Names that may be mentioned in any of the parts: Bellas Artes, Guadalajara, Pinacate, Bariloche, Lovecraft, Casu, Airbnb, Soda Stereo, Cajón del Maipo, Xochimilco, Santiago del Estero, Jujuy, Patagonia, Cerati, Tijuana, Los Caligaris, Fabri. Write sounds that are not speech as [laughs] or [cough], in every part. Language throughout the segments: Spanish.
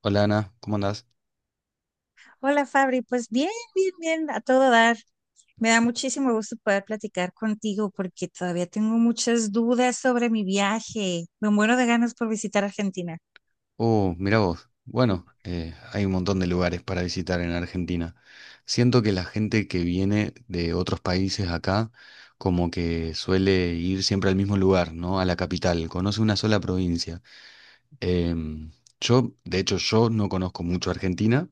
Hola Ana, ¿cómo andás? Hola Fabri, pues bien, a todo dar. Me da muchísimo gusto poder platicar contigo porque todavía tengo muchas dudas sobre mi viaje. Me muero de ganas por visitar Argentina. Oh, mira vos. Bueno, hay un montón de lugares para visitar en Argentina. Siento que la gente que viene de otros países acá como que suele ir siempre al mismo lugar, ¿no? A la capital, conoce una sola provincia. Em, yo, de hecho, yo no conozco mucho Argentina,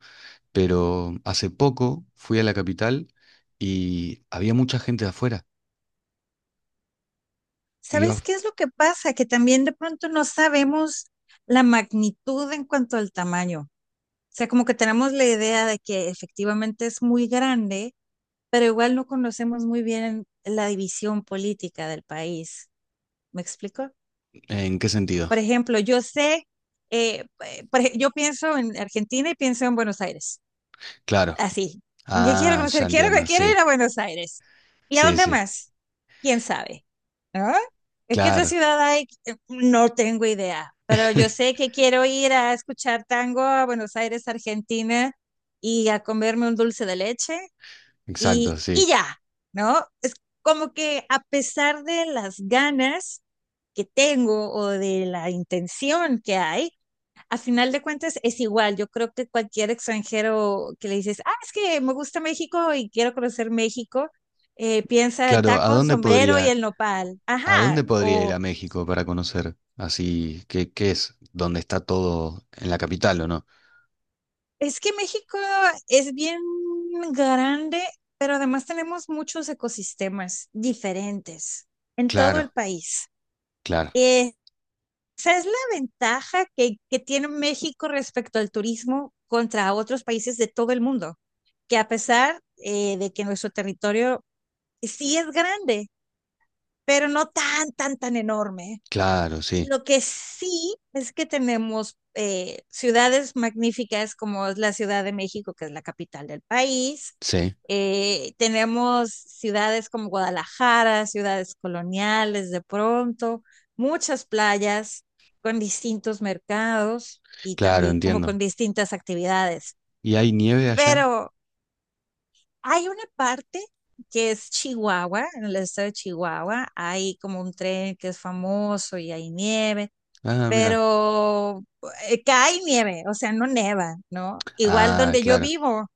pero hace poco fui a la capital y había mucha gente de afuera. Y yo, ¿Sabes qué es lo que pasa? Que también de pronto no sabemos la magnitud en cuanto al tamaño. O sea, como que tenemos la idea de que efectivamente es muy grande, pero igual no conocemos muy bien la división política del país. ¿Me explico? ¿en qué sentido? Por ejemplo, yo sé, yo pienso en Argentina y pienso en Buenos Aires, Claro. así. ¿Qué quiero Ah, ya conocer? Entiendo, Quiero ir sí, a Buenos Aires. ¿Y a sí, dónde sí, más? ¿Quién sabe? ¿No? Es que otra claro. ciudad hay, eh, no tengo idea, pero yo [laughs] sé que quiero ir a escuchar tango a Buenos Aires, Argentina, y a comerme un dulce de leche Exacto, y sí. ya, ¿no? Es como que a pesar de las ganas, que tengo o de la intención que hay, a final de cuentas es igual. Yo creo que cualquier extranjero que le dices, ah, es que me gusta México y quiero conocer México, piensa en Claro, tacos, sombrero y el nopal. a Ajá, dónde podría ir a o México para conocer? Así, ¿qué, qué es? ¿Dónde está todo? ¿En la capital o no? es que México es bien grande, pero además tenemos muchos ecosistemas diferentes en todo Claro, el país. claro, Eh, sea, es la ventaja que tiene México respecto al turismo contra otros países de todo el mundo, que a pesar de que nuestro territorio sí es grande, pero no tan enorme. claro, Y sí, lo que sí es que tenemos ciudades magníficas como es la Ciudad de México, que es la capital del país. sí, Tenemos ciudades como Guadalajara, ciudades coloniales de pronto, muchas playas con distintos mercados y claro, también como entiendo. con distintas actividades. ¿Y hay nieve allá? Pero hay una parte que es Chihuahua, en el estado de Chihuahua, hay como un tren que es famoso y hay nieve, Ah, mira. pero cae nieve, o sea, no neva, ¿no? Igual Ah, donde claro,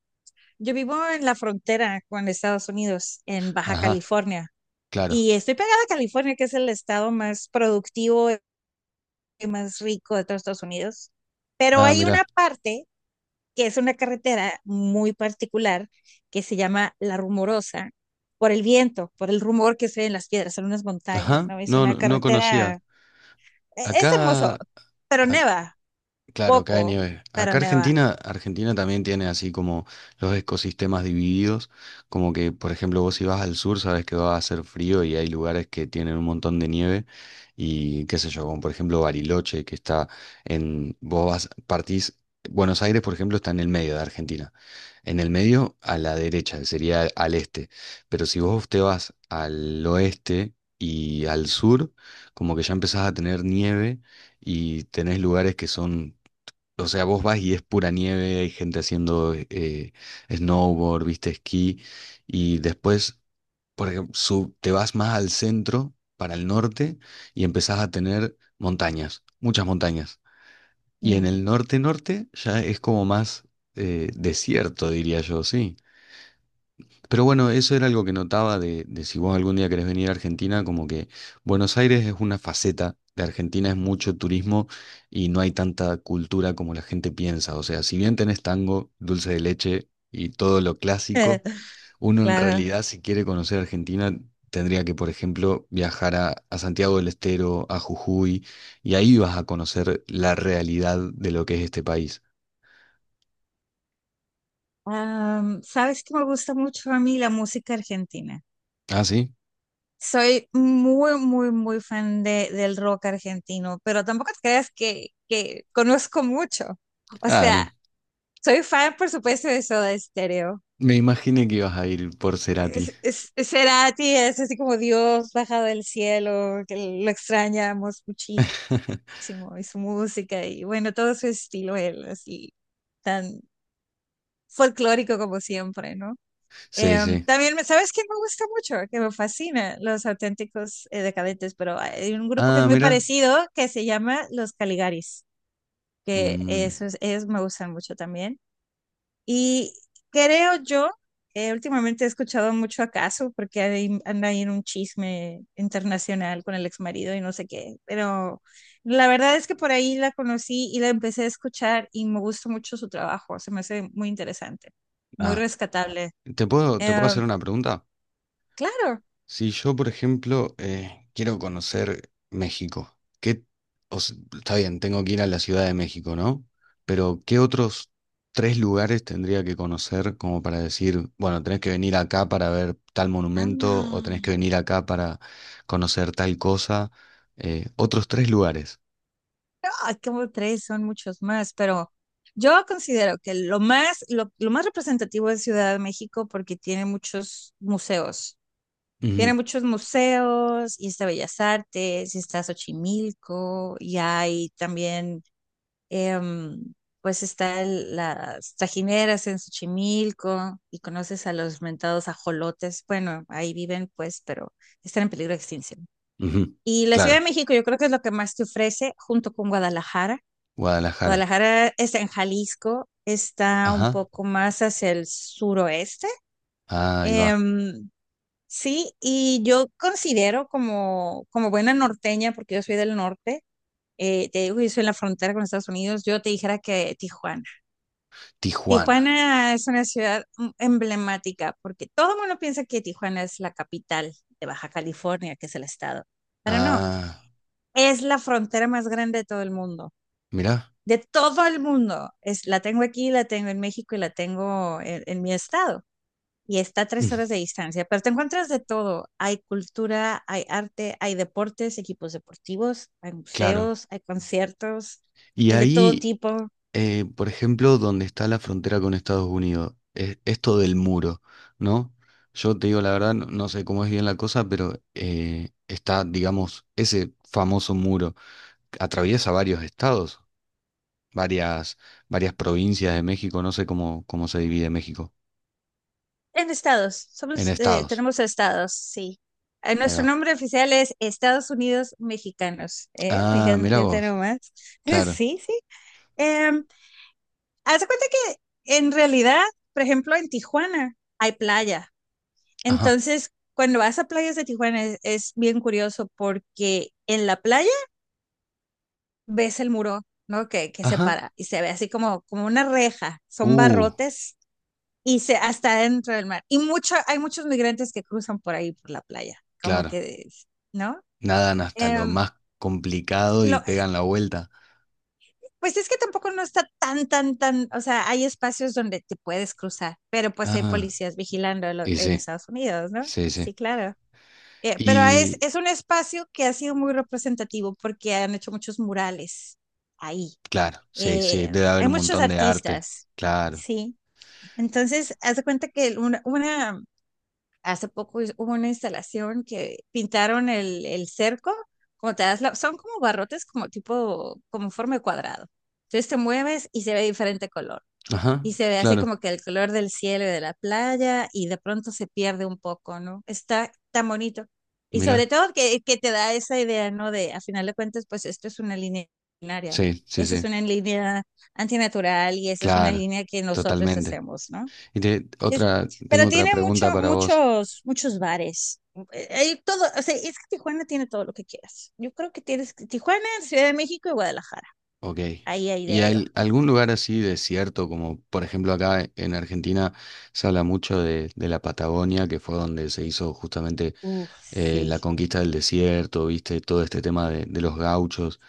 yo vivo en la frontera con Estados Unidos, en Baja ajá, California, claro. y estoy pegada a California, que es el estado más productivo y más rico de todos Estados Unidos, pero Ah, hay una mira. parte que es una carretera muy particular que se llama La Rumorosa, por el viento, por el rumor que se ve en las piedras, en unas montañas, Ajá, ¿no? Es no, una no, no carretera, conocía. Es hermoso, Acá, pero neva, claro, cae poco, nieve. pero Acá neva. Argentina, Argentina también tiene así como los ecosistemas divididos, como que por ejemplo vos si vas al sur sabes que va a hacer frío y hay lugares que tienen un montón de nieve y qué sé yo, como por ejemplo Bariloche que está en, vos vas, partís, Buenos Aires por ejemplo está en el medio de Argentina, en el medio a la derecha, sería al este, pero si vos te vas al oeste y al sur, como que ya empezás a tener nieve y tenés lugares que son, o sea, vos vas y es pura nieve, hay gente haciendo snowboard, viste, esquí, y después, por ejemplo, te vas más al centro, para el norte, y empezás a tener montañas, muchas montañas. Y en Mm. el norte-norte ya es como más desierto, diría yo, sí. Pero bueno, eso era algo que notaba de si vos algún día querés venir a Argentina, como que Buenos Aires es una faceta de Argentina, es mucho turismo y no hay tanta cultura como la gente piensa. O sea, si bien tenés tango, dulce de leche y todo lo clásico, [laughs] uno en Claro. realidad si quiere conocer Argentina tendría que, por ejemplo, viajar a Santiago del Estero, a Jujuy, y ahí vas a conocer la realidad de lo que es este país. Am, ¿sabes que me gusta mucho a mí la música argentina? ¿Ah, sí? Soy muy, muy, muy fan de, del rock argentino, pero tampoco te creas que conozco mucho. O Ah, sea, soy fan, por supuesto, de Soda Stereo. me imaginé que ibas a ir por Cerati. Es Cerati es así como Dios bajado del cielo, que lo extrañamos muchísimo, [laughs] y su música, y bueno, todo su estilo, él, así, tan folclórico como siempre, ¿no? Sí, Em, sí. también, ¿sabes quién me gusta mucho? Que me fascina, los auténticos decadentes, pero hay un grupo que es Ah, muy mira. parecido que se llama Los Caligaris, que Mm, esos, ellos me gustan mucho también. Y creo yo, últimamente he escuchado mucho a Casu porque anda ahí en un chisme internacional con el ex marido y no sé qué, pero la verdad es que por ahí la conocí y la empecé a escuchar y me gustó mucho su trabajo, se me hace muy interesante, muy ah, rescatable. ¿te puedo hacer Em, una pregunta? claro, Si yo, por ejemplo, quiero conocer México, ¿qué, o sea, está bien, tengo que ir a la Ciudad de México, ¿no? Pero ¿qué otros tres lugares tendría que conocer como para decir, bueno, tenés que venir acá para ver tal monumento o ah, tenés que venir acá para conocer tal cosa? Otros tres lugares. ay, como tres, son muchos más, pero yo considero que lo más, lo más representativo es Ciudad de México porque tiene muchos museos. Tiene Ujú, muchos museos, y está Bellas Artes, y está Xochimilco, y hay también, em, pues las tajineras en Xochimilco, y conoces a los mentados ajolotes. Bueno, ahí viven, pues, pero están en peligro de extinción. ujú, Y la Ciudad claro, de México yo creo que es lo que más te ofrece junto con Guadalajara. Guadalajara. Guadalajara está en Jalisco, está un Ajá, poco más hacia el suroeste. ah, ahí va. Em, Sí, y yo considero como, como buena norteña, porque yo soy del norte, te digo que yo soy en la frontera con Estados Unidos, yo te dijera que Tijuana. Tijuana. Tijuana es una ciudad mm, emblemática, porque todo el mundo piensa que Tijuana es la capital de Baja California, que es el estado, pero no, Ah, es la frontera más grande de todo el mundo, mirá. de todo el mundo. Es, la tengo aquí, la tengo en México y la tengo en mi estado. Y está a Mm, tres horas de distancia, pero te encuentras de todo. Hay cultura, hay arte, hay deportes, equipos deportivos, hay claro. museos, hay conciertos, Y hay de todo ahí, tipo. Por ejemplo, donde está la frontera con Estados Unidos, esto del muro, ¿no? Yo te digo la verdad, no, no sé cómo es bien la cosa, pero está, digamos, ese famoso muro. Atraviesa varios estados, varias, varias provincias de México, no sé cómo, cómo se divide México. En estados, En somos, estados. tenemos estados, sí. Ahí Nuestro va. nombre oficial es Estados Unidos Mexicanos, ¿eh? Ah, mirá Fíjate vos. nomás. [laughs] Claro. Sí, sí. Eh, haz de cuenta que en realidad, por ejemplo, en Tijuana hay playa. Ajá. Entonces, cuando vas a playas de Tijuana es bien curioso porque en la playa ves el muro, ¿no? Que Ajá. separa y se ve así como, como una reja, son Uh, barrotes y se hasta dentro del mar. Hay muchos migrantes que cruzan por ahí, por la playa, como claro. que, ¿no? Nadan hasta lo Em, más complicado y lo- pegan la vuelta. pues es que tampoco no está tan, o sea, hay espacios donde te puedes cruzar, pero pues hay Ah, policías vigilando en y en sí, Estados Unidos, ¿no? sí, sí. Sí, claro. Pero Y es un espacio que ha sido muy representativo porque han hecho muchos murales ahí. claro, sí, sí, debe haber Hay un muchos montón de arte. artistas, Claro. sí. Entonces, haz de cuenta que una, hace poco hubo una instalación que pintaron el cerco, como te das son como barrotes como tipo, como en forma de cuadrado. Entonces te mueves y se ve de diferente color. Ajá, Y se ve así claro. como que el color del cielo y de la playa y de pronto se pierde un poco, ¿no? Está tan bonito. Y sobre Mira, todo que te da esa idea, ¿no? De, a final de cuentas, pues esto es una línea binaria. sí, sí, Esa es sí. una línea antinatural y esa es una Claro, línea que nosotros totalmente. hacemos, ¿no? Es- Otra, tengo pero otra tiene pregunta mucho, para vos. Muchos bares. Hay todo, o sea, es que Tijuana tiene todo lo que quieras. Yo creo que tienes Tijuana, Ciudad de México y Guadalajara. Ok. Ahí, ahí ¿Y de yo. hay algún lugar así desierto, como por ejemplo acá en Argentina se habla mucho de la Patagonia, que fue donde se hizo justamente Uf, sí. la conquista del desierto, viste, todo este tema de los gauchos,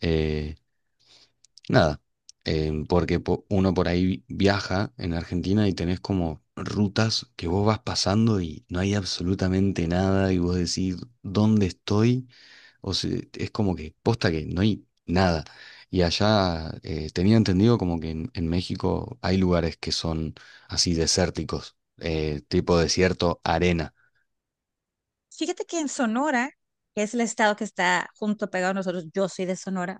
eh, nada, porque uno por ahí viaja en Argentina y tenés como rutas que vos vas pasando y no hay absolutamente nada y vos decís, ¿dónde estoy? O sea, es como que posta que no hay nada. Y allá tenía entendido como que en México hay lugares que son así desérticos, tipo desierto, arena. Fíjate que en Sonora, que es el estado que está junto pegado a nosotros, yo soy de Sonora,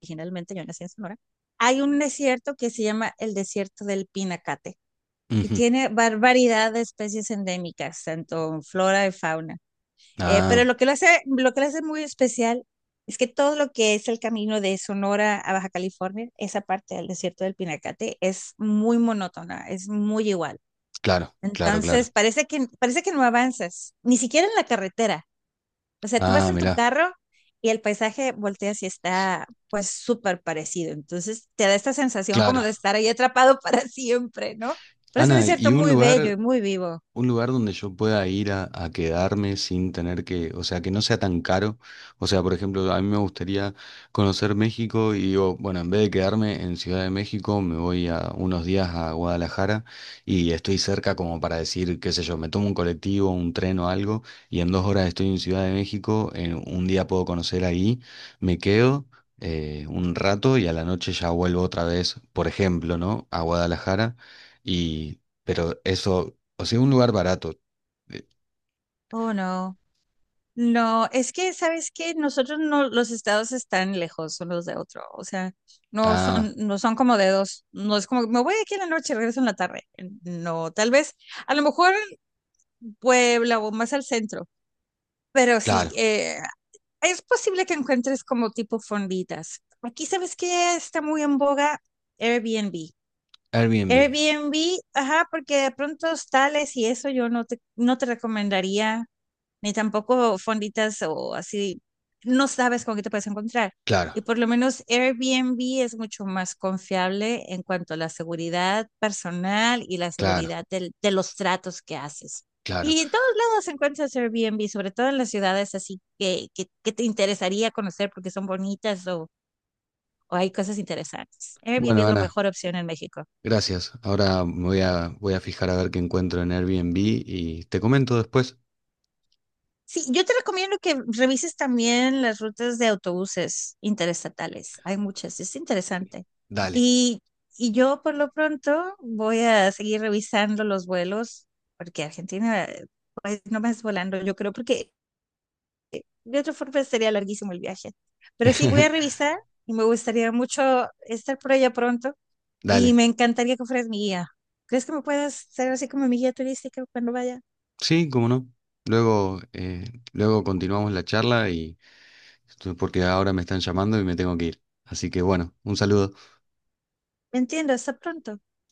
originalmente yo nací en Sonora, hay un desierto que se llama el desierto del Pinacate y Ujú. tiene barbaridad de especies endémicas, tanto en flora y fauna. Ah, Pero lo que lo hace, lo que lo hace muy especial es que todo lo que es el camino de Sonora a Baja California, esa parte del desierto del Pinacate, es muy monótona, es muy igual. claro, claro, claro. Entonces, parece que no avanzas, ni siquiera en la carretera, o sea, tú vas Ah, en tu mirá, carro y el paisaje volteas y está pues súper parecido. Entonces te da esta sensación como claro. de estar ahí atrapado [laughs] para siempre, ¿no? Pero es un Ana, desierto ¿y un muy bello lugar? y muy vivo. Un lugar donde yo pueda ir a quedarme sin tener que, o sea, que no sea tan caro. O sea, por ejemplo, a mí me gustaría conocer México y digo, bueno, en vez de quedarme en Ciudad de México, me voy a unos días a Guadalajara y estoy cerca como para decir, qué sé yo, me tomo un colectivo, un tren o algo y en dos horas estoy en Ciudad de México, en un día puedo conocer ahí, me quedo un rato y a la noche ya vuelvo otra vez, por ejemplo, ¿no? A Guadalajara y pero eso, o sea, un lugar barato. Eh, Oh, no. No, es que, ¿sabes qué? Nosotros no, los estados están lejos unos de otro, o sea, no Ah, son, no son como dedos, no es como, me voy aquí en la noche, y regreso en la tarde, no, tal vez, a lo mejor Puebla o más al centro, pero sí, claro. Es posible que encuentres como tipo fonditas. Aquí sabes que está muy en boga Airbnb. Airbnb. Airbnb, ajá, porque de pronto tales y eso yo no te, no te recomendaría ni tampoco fonditas o así, no sabes con qué te puedes encontrar. Claro, Y por lo menos Airbnb es mucho más confiable en cuanto a la seguridad personal y la claro, seguridad de los tratos que haces. claro. Y en todos lados encuentras Airbnb, sobre todo en las ciudades así que te interesaría conocer porque son bonitas o hay cosas interesantes. Airbnb Bueno, es la Ana, mejor opción en México. gracias. Ahora me voy a, voy a fijar a ver qué encuentro en Airbnb y te comento después. Sí, yo te recomiendo que revises también las rutas de autobuses interestatales. Hay muchas, es interesante. Dale. Y, y yo por lo pronto voy a seguir revisando los vuelos, porque Argentina, pues no me es volando, yo creo, porque de otra forma sería larguísimo el viaje. Pero sí, voy a [laughs] revisar y me gustaría mucho estar por allá pronto y Dale. me encantaría que fueras mi guía. ¿Crees que me puedas ser así como mi guía turística cuando vaya? Sí, cómo no. Luego, luego continuamos la charla y porque ahora me están llamando y me tengo que ir. Así que bueno, un saludo. Entiendo, hasta pronto.